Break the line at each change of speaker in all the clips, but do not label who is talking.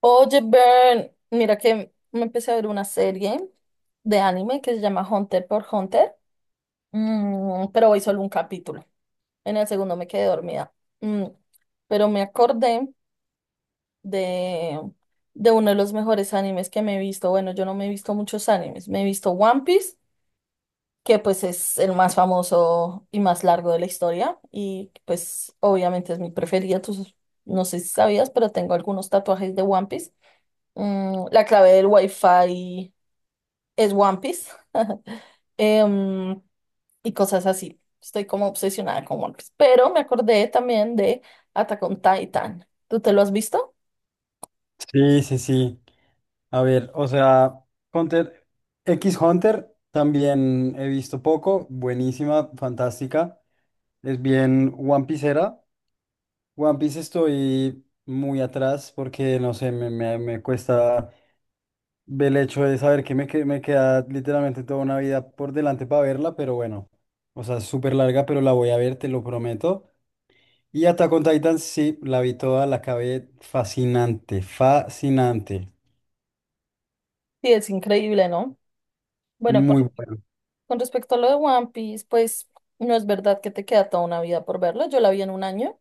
Oye, Bern, mira que me empecé a ver una serie de anime que se llama Hunter por Hunter, pero hoy solo un capítulo. En el segundo me quedé dormida. Mm, pero me acordé de, de uno de los mejores animes que me he visto. Bueno, yo no me he visto muchos animes. Me he visto One Piece, que pues es el más famoso y más largo de la historia. Y pues obviamente es mi preferida. Tú no sé si sabías, pero tengo algunos tatuajes de One Piece. Mm, la clave del Wi-Fi es One Piece. Em, y cosas así. Estoy como obsesionada con One Piece. Pero me acordé también de Attack on Titan. ¿Tú te lo has visto?
Sí, sí, sí. A ver, o sea, Hunter, X Hunter también he visto poco, buenísima, fantástica. Es bien One Piecera. One Piece estoy muy atrás porque, no sé, me cuesta ver el hecho de saber que me queda literalmente toda una vida por delante para verla, pero bueno, o sea, es súper larga, pero la voy a ver, te lo prometo. Y Attack on Titan, sí, la vi toda, la acabé fascinante, fascinante.
Sí, es increíble, ¿no? Bueno,
Muy buena.
con respecto a lo de One Piece, pues no es verdad que te queda toda una vida por verlo. Yo la vi en un año,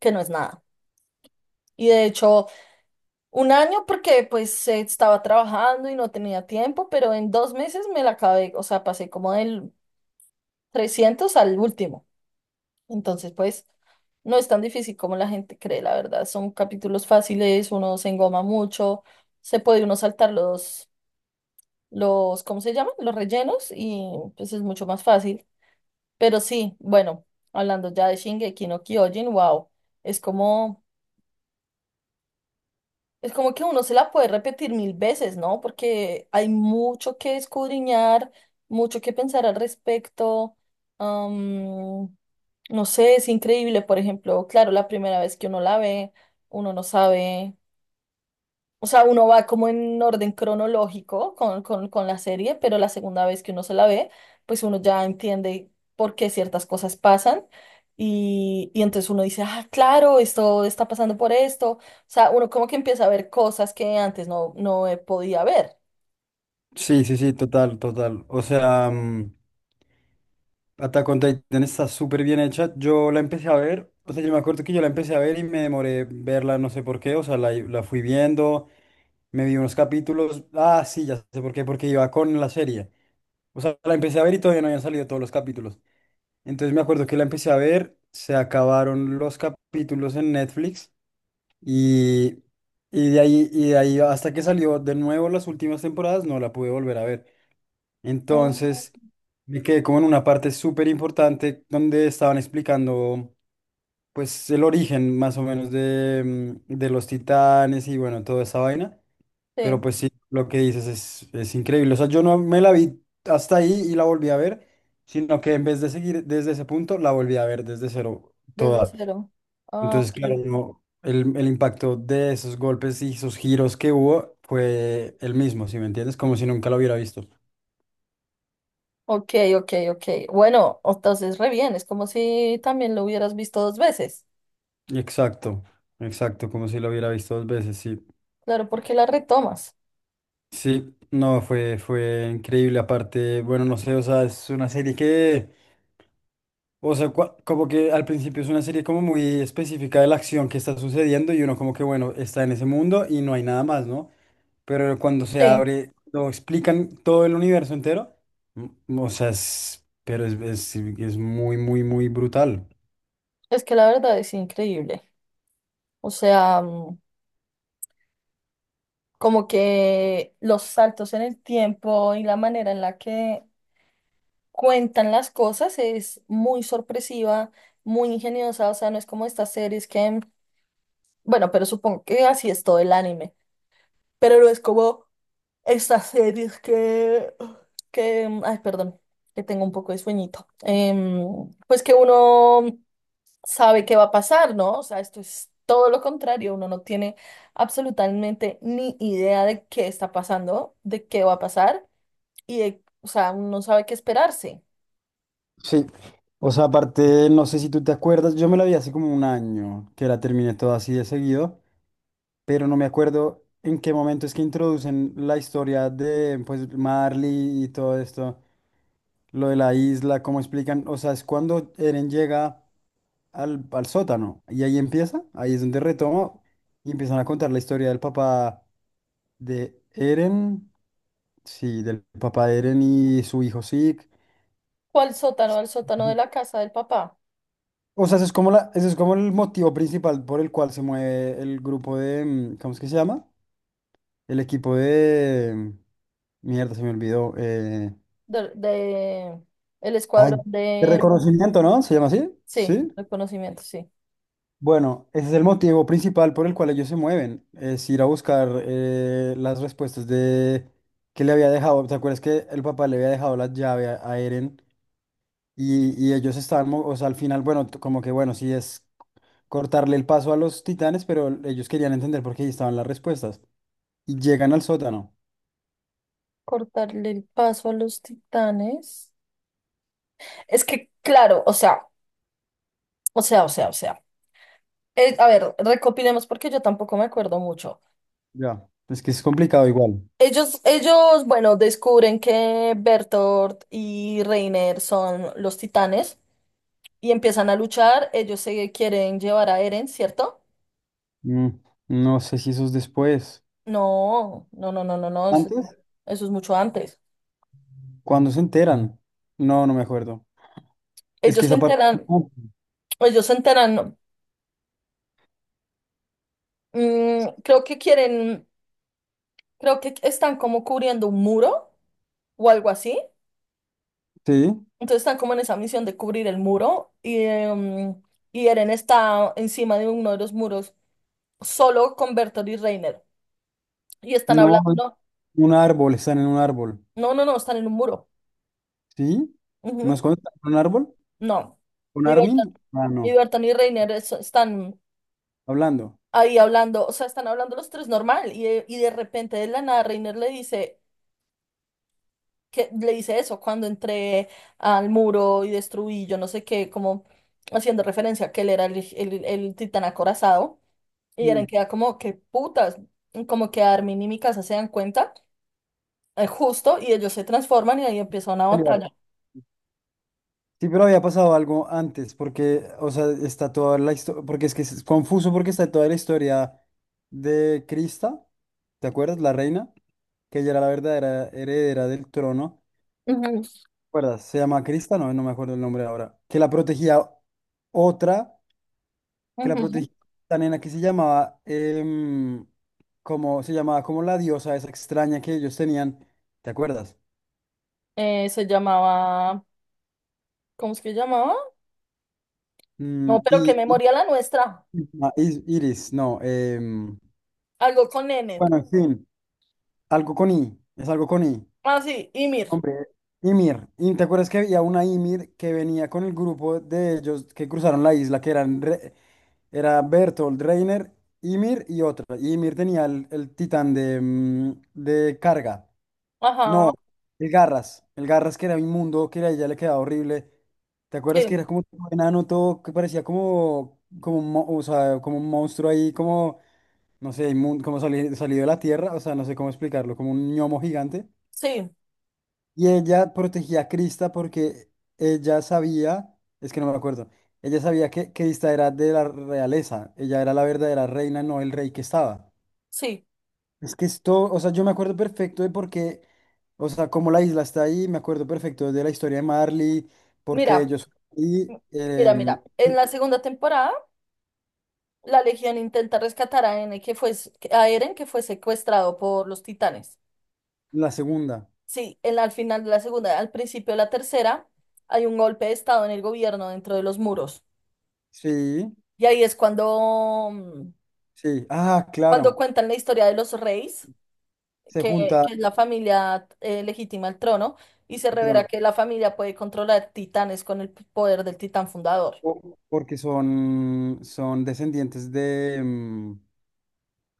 que no es nada. Y de hecho, un año porque pues estaba trabajando y no tenía tiempo, pero en dos meses me la acabé, o sea, pasé como del 300 al último. Entonces, pues no es tan difícil como la gente cree, la verdad. Son capítulos fáciles, uno se engoma mucho, se puede uno saltar los, ¿cómo se llaman? Los rellenos y pues es mucho más fácil. Pero sí, bueno, hablando ya de Shingeki no Kyojin, wow, es como... Es como que uno se la puede repetir 1000 veces, ¿no? Porque hay mucho que escudriñar, mucho que pensar al respecto. am, no sé, es increíble, por ejemplo, claro, la primera vez que uno la ve, uno no sabe. O sea, uno va como en orden cronológico con la serie, pero la segunda vez que uno se la ve, pues uno ya entiende por qué ciertas cosas pasan. Y entonces uno dice, ah, claro, esto está pasando por esto. O sea, uno como que empieza a ver cosas que antes no podía ver.
Sí, sí, sí, total, total. O sea, Attack on Titan está súper bien hecha. Yo la empecé a ver, o sea, yo me acuerdo que yo la empecé a ver y me demoré verla, no sé por qué, o sea, la fui viendo, me vi unos capítulos. Ah, sí, ya sé por qué, porque iba con la serie. O sea, la empecé a ver y todavía no habían salido todos los capítulos. Entonces me acuerdo que la empecé a ver, se acabaron los capítulos en Netflix y, y de ahí hasta que salió de nuevo las últimas temporadas, no la pude volver a ver.
Ah,
Entonces, me quedé como en una parte súper importante donde estaban explicando, pues, el origen más o menos de, de los titanes y bueno, toda esa vaina. Pero
sí,
pues sí, lo que dices es increíble. O sea, yo no me la vi hasta ahí y la volví a ver, sino que en vez de seguir desde ese punto, la volví a ver desde cero
desde
toda.
cero. Ah,
Entonces,
ok.
claro, no, el impacto de esos golpes y esos giros que hubo fue el mismo, ¿si me entiendes? Como si nunca lo hubiera visto.
Ok, ok, ok. Bueno, entonces re bien, es como si también lo hubieras visto dos veces.
Exacto, exacto, como si lo hubiera visto dos veces, sí.
Claro, porque la retomas.
Sí, no, fue increíble. Aparte, bueno, no sé, o sea, es una serie o sea, como que al principio es una serie como muy específica de la acción que está sucediendo y uno como que, bueno, está en ese mundo y no hay nada más, ¿no? Pero cuando se
Sí,
abre, lo explican todo el universo entero, o sea, pero es muy, muy, muy brutal.
es que la verdad es increíble. O sea, como que los saltos en el tiempo y la manera en la que cuentan las cosas es muy sorpresiva, muy ingeniosa. O sea, no es como estas series que, bueno, pero supongo que así es todo el anime. Pero no es como estas series que, ay, perdón, que tengo un poco de sueñito. Pues que uno sabe qué va a pasar, ¿no? O sea, esto es todo lo contrario, uno no tiene absolutamente ni idea de qué está pasando, de qué va a pasar y de, o sea, uno no sabe qué esperarse.
Sí, o sea, aparte, no sé si tú te acuerdas, yo me la vi hace como un año que la terminé toda así de seguido, pero no me acuerdo en qué momento es que introducen la historia de, pues, Marley y todo esto, lo de la isla, cómo explican, o sea, es cuando Eren llega al sótano y ahí empieza, ahí es donde retomo y empiezan a contar la historia del papá de Eren, sí, del papá de Eren y su hijo Zeke.
¿Cuál sótano? Al sótano de la casa del papá,
O sea, ese es como la, ese es como el motivo principal por el cual se mueve el grupo de, ¿cómo es que se llama? El equipo de, mierda, se me olvidó.
de, de- el
Ay,
escuadrón
de
de,
reconocimiento, ¿no? ¿Se llama así?
sí,
Sí.
reconocimiento, sí.
Bueno, ese es el motivo principal por el cual ellos se mueven, es ir a buscar las respuestas de que le había dejado. ¿Te acuerdas que el papá le había dejado la llave a Eren y ellos estaban, o sea, al final, bueno, como que bueno, si es cortarle el paso a los titanes, pero ellos querían entender por qué ahí estaban las respuestas. Y llegan al sótano.
Cortarle el paso a los titanes. Es que, claro, o sea. A ver, recopilemos porque yo tampoco me acuerdo mucho.
Ya. Es que es complicado igual.
Ellos, bueno, descubren que Bertolt y Reiner son los titanes y empiezan a luchar. Ellos se quieren llevar a Eren, ¿cierto?
Mm, no sé si eso es después.
No. Eso,
¿Antes?
eso es mucho antes.
Cuando se enteran? No, no me acuerdo. Es
Ellos
que
se
esa parte...
enteran,
no.
ellos se enteran. Creo que quieren, creo que están como cubriendo un muro o algo así.
Sí.
Entonces están como en esa misión de cubrir el muro y Eren está encima de uno de los muros solo con Bertolt y Reiner. Y están
No,
hablando, no,
un árbol, están en un árbol.
no, están en un muro.
¿Sí? ¿No es
Ujú,
cuando están en un árbol?
no.
¿Con
Y Bertolt
Armin? Ah, no.
Bertolt y Reiner están
Hablando.
ahí hablando, o sea, están hablando los tres normal y de repente de la nada Reiner le dice, que, le dice eso, cuando entré al muro y destruí, yo no sé qué, como haciendo referencia a que él era el el titán acorazado. Y
Mm.
Eren queda como, que putas, como que Armin y Mikasa se dan cuenta, justo, y ellos se transforman y ahí empieza una batalla.
Sí, pero había pasado algo antes, porque, o sea, está toda la historia, porque es que es confuso porque está toda la historia de Crista, ¿te acuerdas? La reina, que ella era la verdadera heredera del trono,
Ujú,
¿te acuerdas? Se llama Crista, no, no me acuerdo el nombre ahora, que la protegía otra, que la
ujú.
protegía esta nena que se llamaba, como, se llamaba como la diosa esa extraña que ellos tenían, ¿te acuerdas?
Se llamaba, ¿cómo es que llamaba? No,
Mm,
pero qué
y, y-
memoria la nuestra.
ah, Iris, no,
Algo con N.
bueno, en fin. Algo con I, es algo con I.
Ah, sí, Ymir.
Hombre, Ymir. Y te acuerdas que había una Ymir que venía con el grupo de ellos que cruzaron la isla, que eran era Bertolt, Reiner, Ymir y otra. Y Ymir tenía el titán de, de carga.
Ajá,
No, el Garras. El Garras que era inmundo, que a ella le quedaba horrible. ¿Te acuerdas que
sí,
era como un enano todo que parecía como, como, o sea, como un monstruo ahí, como, no sé, salido de la tierra? O sea, no sé cómo explicarlo, como un ñomo gigante.
sí,
Y ella protegía a Krista porque ella sabía, es que no me acuerdo, ella sabía que Krista era de la realeza, ella era la verdadera reina, no el rey que estaba.
sí.
Es que esto, o sea, yo me acuerdo perfecto de por qué, o sea, como la isla está ahí, me acuerdo perfecto de la historia de Marley, porque
Mira,
ellos... Y
m- mira, mira. En la segunda temporada, la Legión intenta rescatar a N, que fue, a Eren, que fue secuestrado por los titanes.
la segunda,
Sí, en al final de la segunda, al principio de la tercera, hay un golpe de estado en el gobierno dentro de los muros.
sí,
Y ahí es cuando,
sí, ah,
cuando
claro,
cuentan la historia de los reyes,
se
que,
junta
que es la familia legítima al trono, y se
el
revela
trono,
que la familia puede controlar titanes con el poder del titán fundador.
o- porque son, son descendientes de...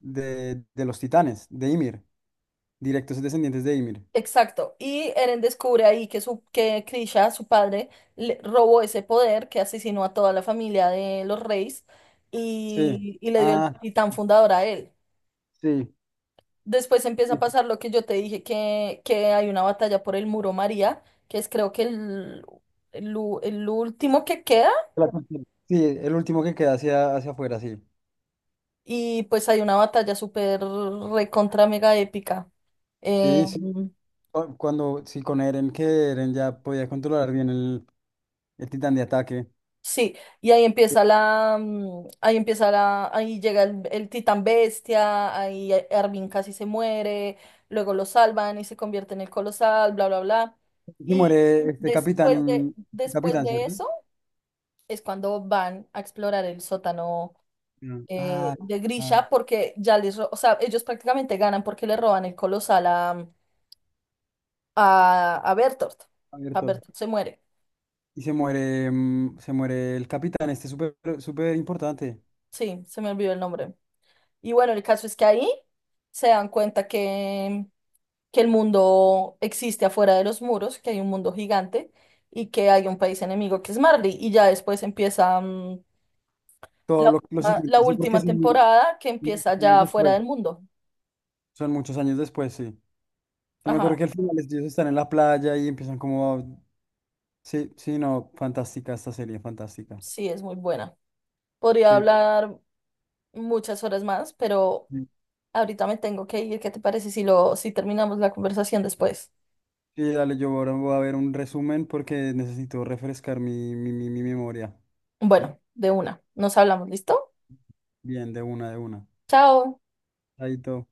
de los titanes, de Ymir, directos descendientes de Ymir.
Exacto. Y Eren descubre ahí que, su, que Krisha, su padre, le robó ese poder, que asesinó a toda la familia de los reyes
Sí.
y le dio el
Ah,
titán fundador a él.
sí.
Después empieza
Sí,
a pasar lo que yo te dije, que hay una batalla por el muro María, que es creo que el, u- el último que queda,
la cuestión. Sí, el último que queda hacia, hacia afuera, sí.
y pues hay una batalla súper recontra mega épica. Eh,
Sí, sí. Cuando, sí, con Eren, que Eren ya podía controlar bien el titán de ataque.
sí, y ahí empieza la, mm, ahí empieza la, ahí llega el titán bestia, ahí Armin casi se muere, luego lo salvan y se convierte en el colosal, bla, bla, bla.
Y
Y
muere este
después
capitán,
de
¿cierto?
eso... es cuando van a explorar el sótano
No. Ah,
de
claro,
Grisha, porque ya les, o sea, ellos prácticamente ganan porque le roban el colosal a Bertolt. A
abierto.
Bertolt se muere.
Y se muere, se muere el capitán, este súper, súper importante.
Sí, se me olvidó el nombre. Y bueno, el caso es que ahí se dan cuenta que el mundo existe afuera de los muros, que hay un mundo gigante y que hay un país enemigo que es Marley. Y ya después empieza
Todo lo
la
siguiente, sí, porque
última
es un-
temporada que
unos
empieza
años
ya afuera
después.
del mundo.
Son muchos años después, sí. Yo me
Ajá.
acuerdo que al final ellos están en la playa y empiezan como... a- Sí, sí, no, fantástica esta serie, fantástica.
Sí, es muy buena. Podría
Sí,
hablar muchas horas más, pero
sí,
ahorita me tengo que ir. ¿Qué te parece si lo, si terminamos la conversación después?
sí, dale, yo ahora voy a ver un resumen porque necesito refrescar mi memoria.
Bueno, de una. Nos hablamos, ¿listo?
Bien, de una, de una.
Chao.
Ahí todo.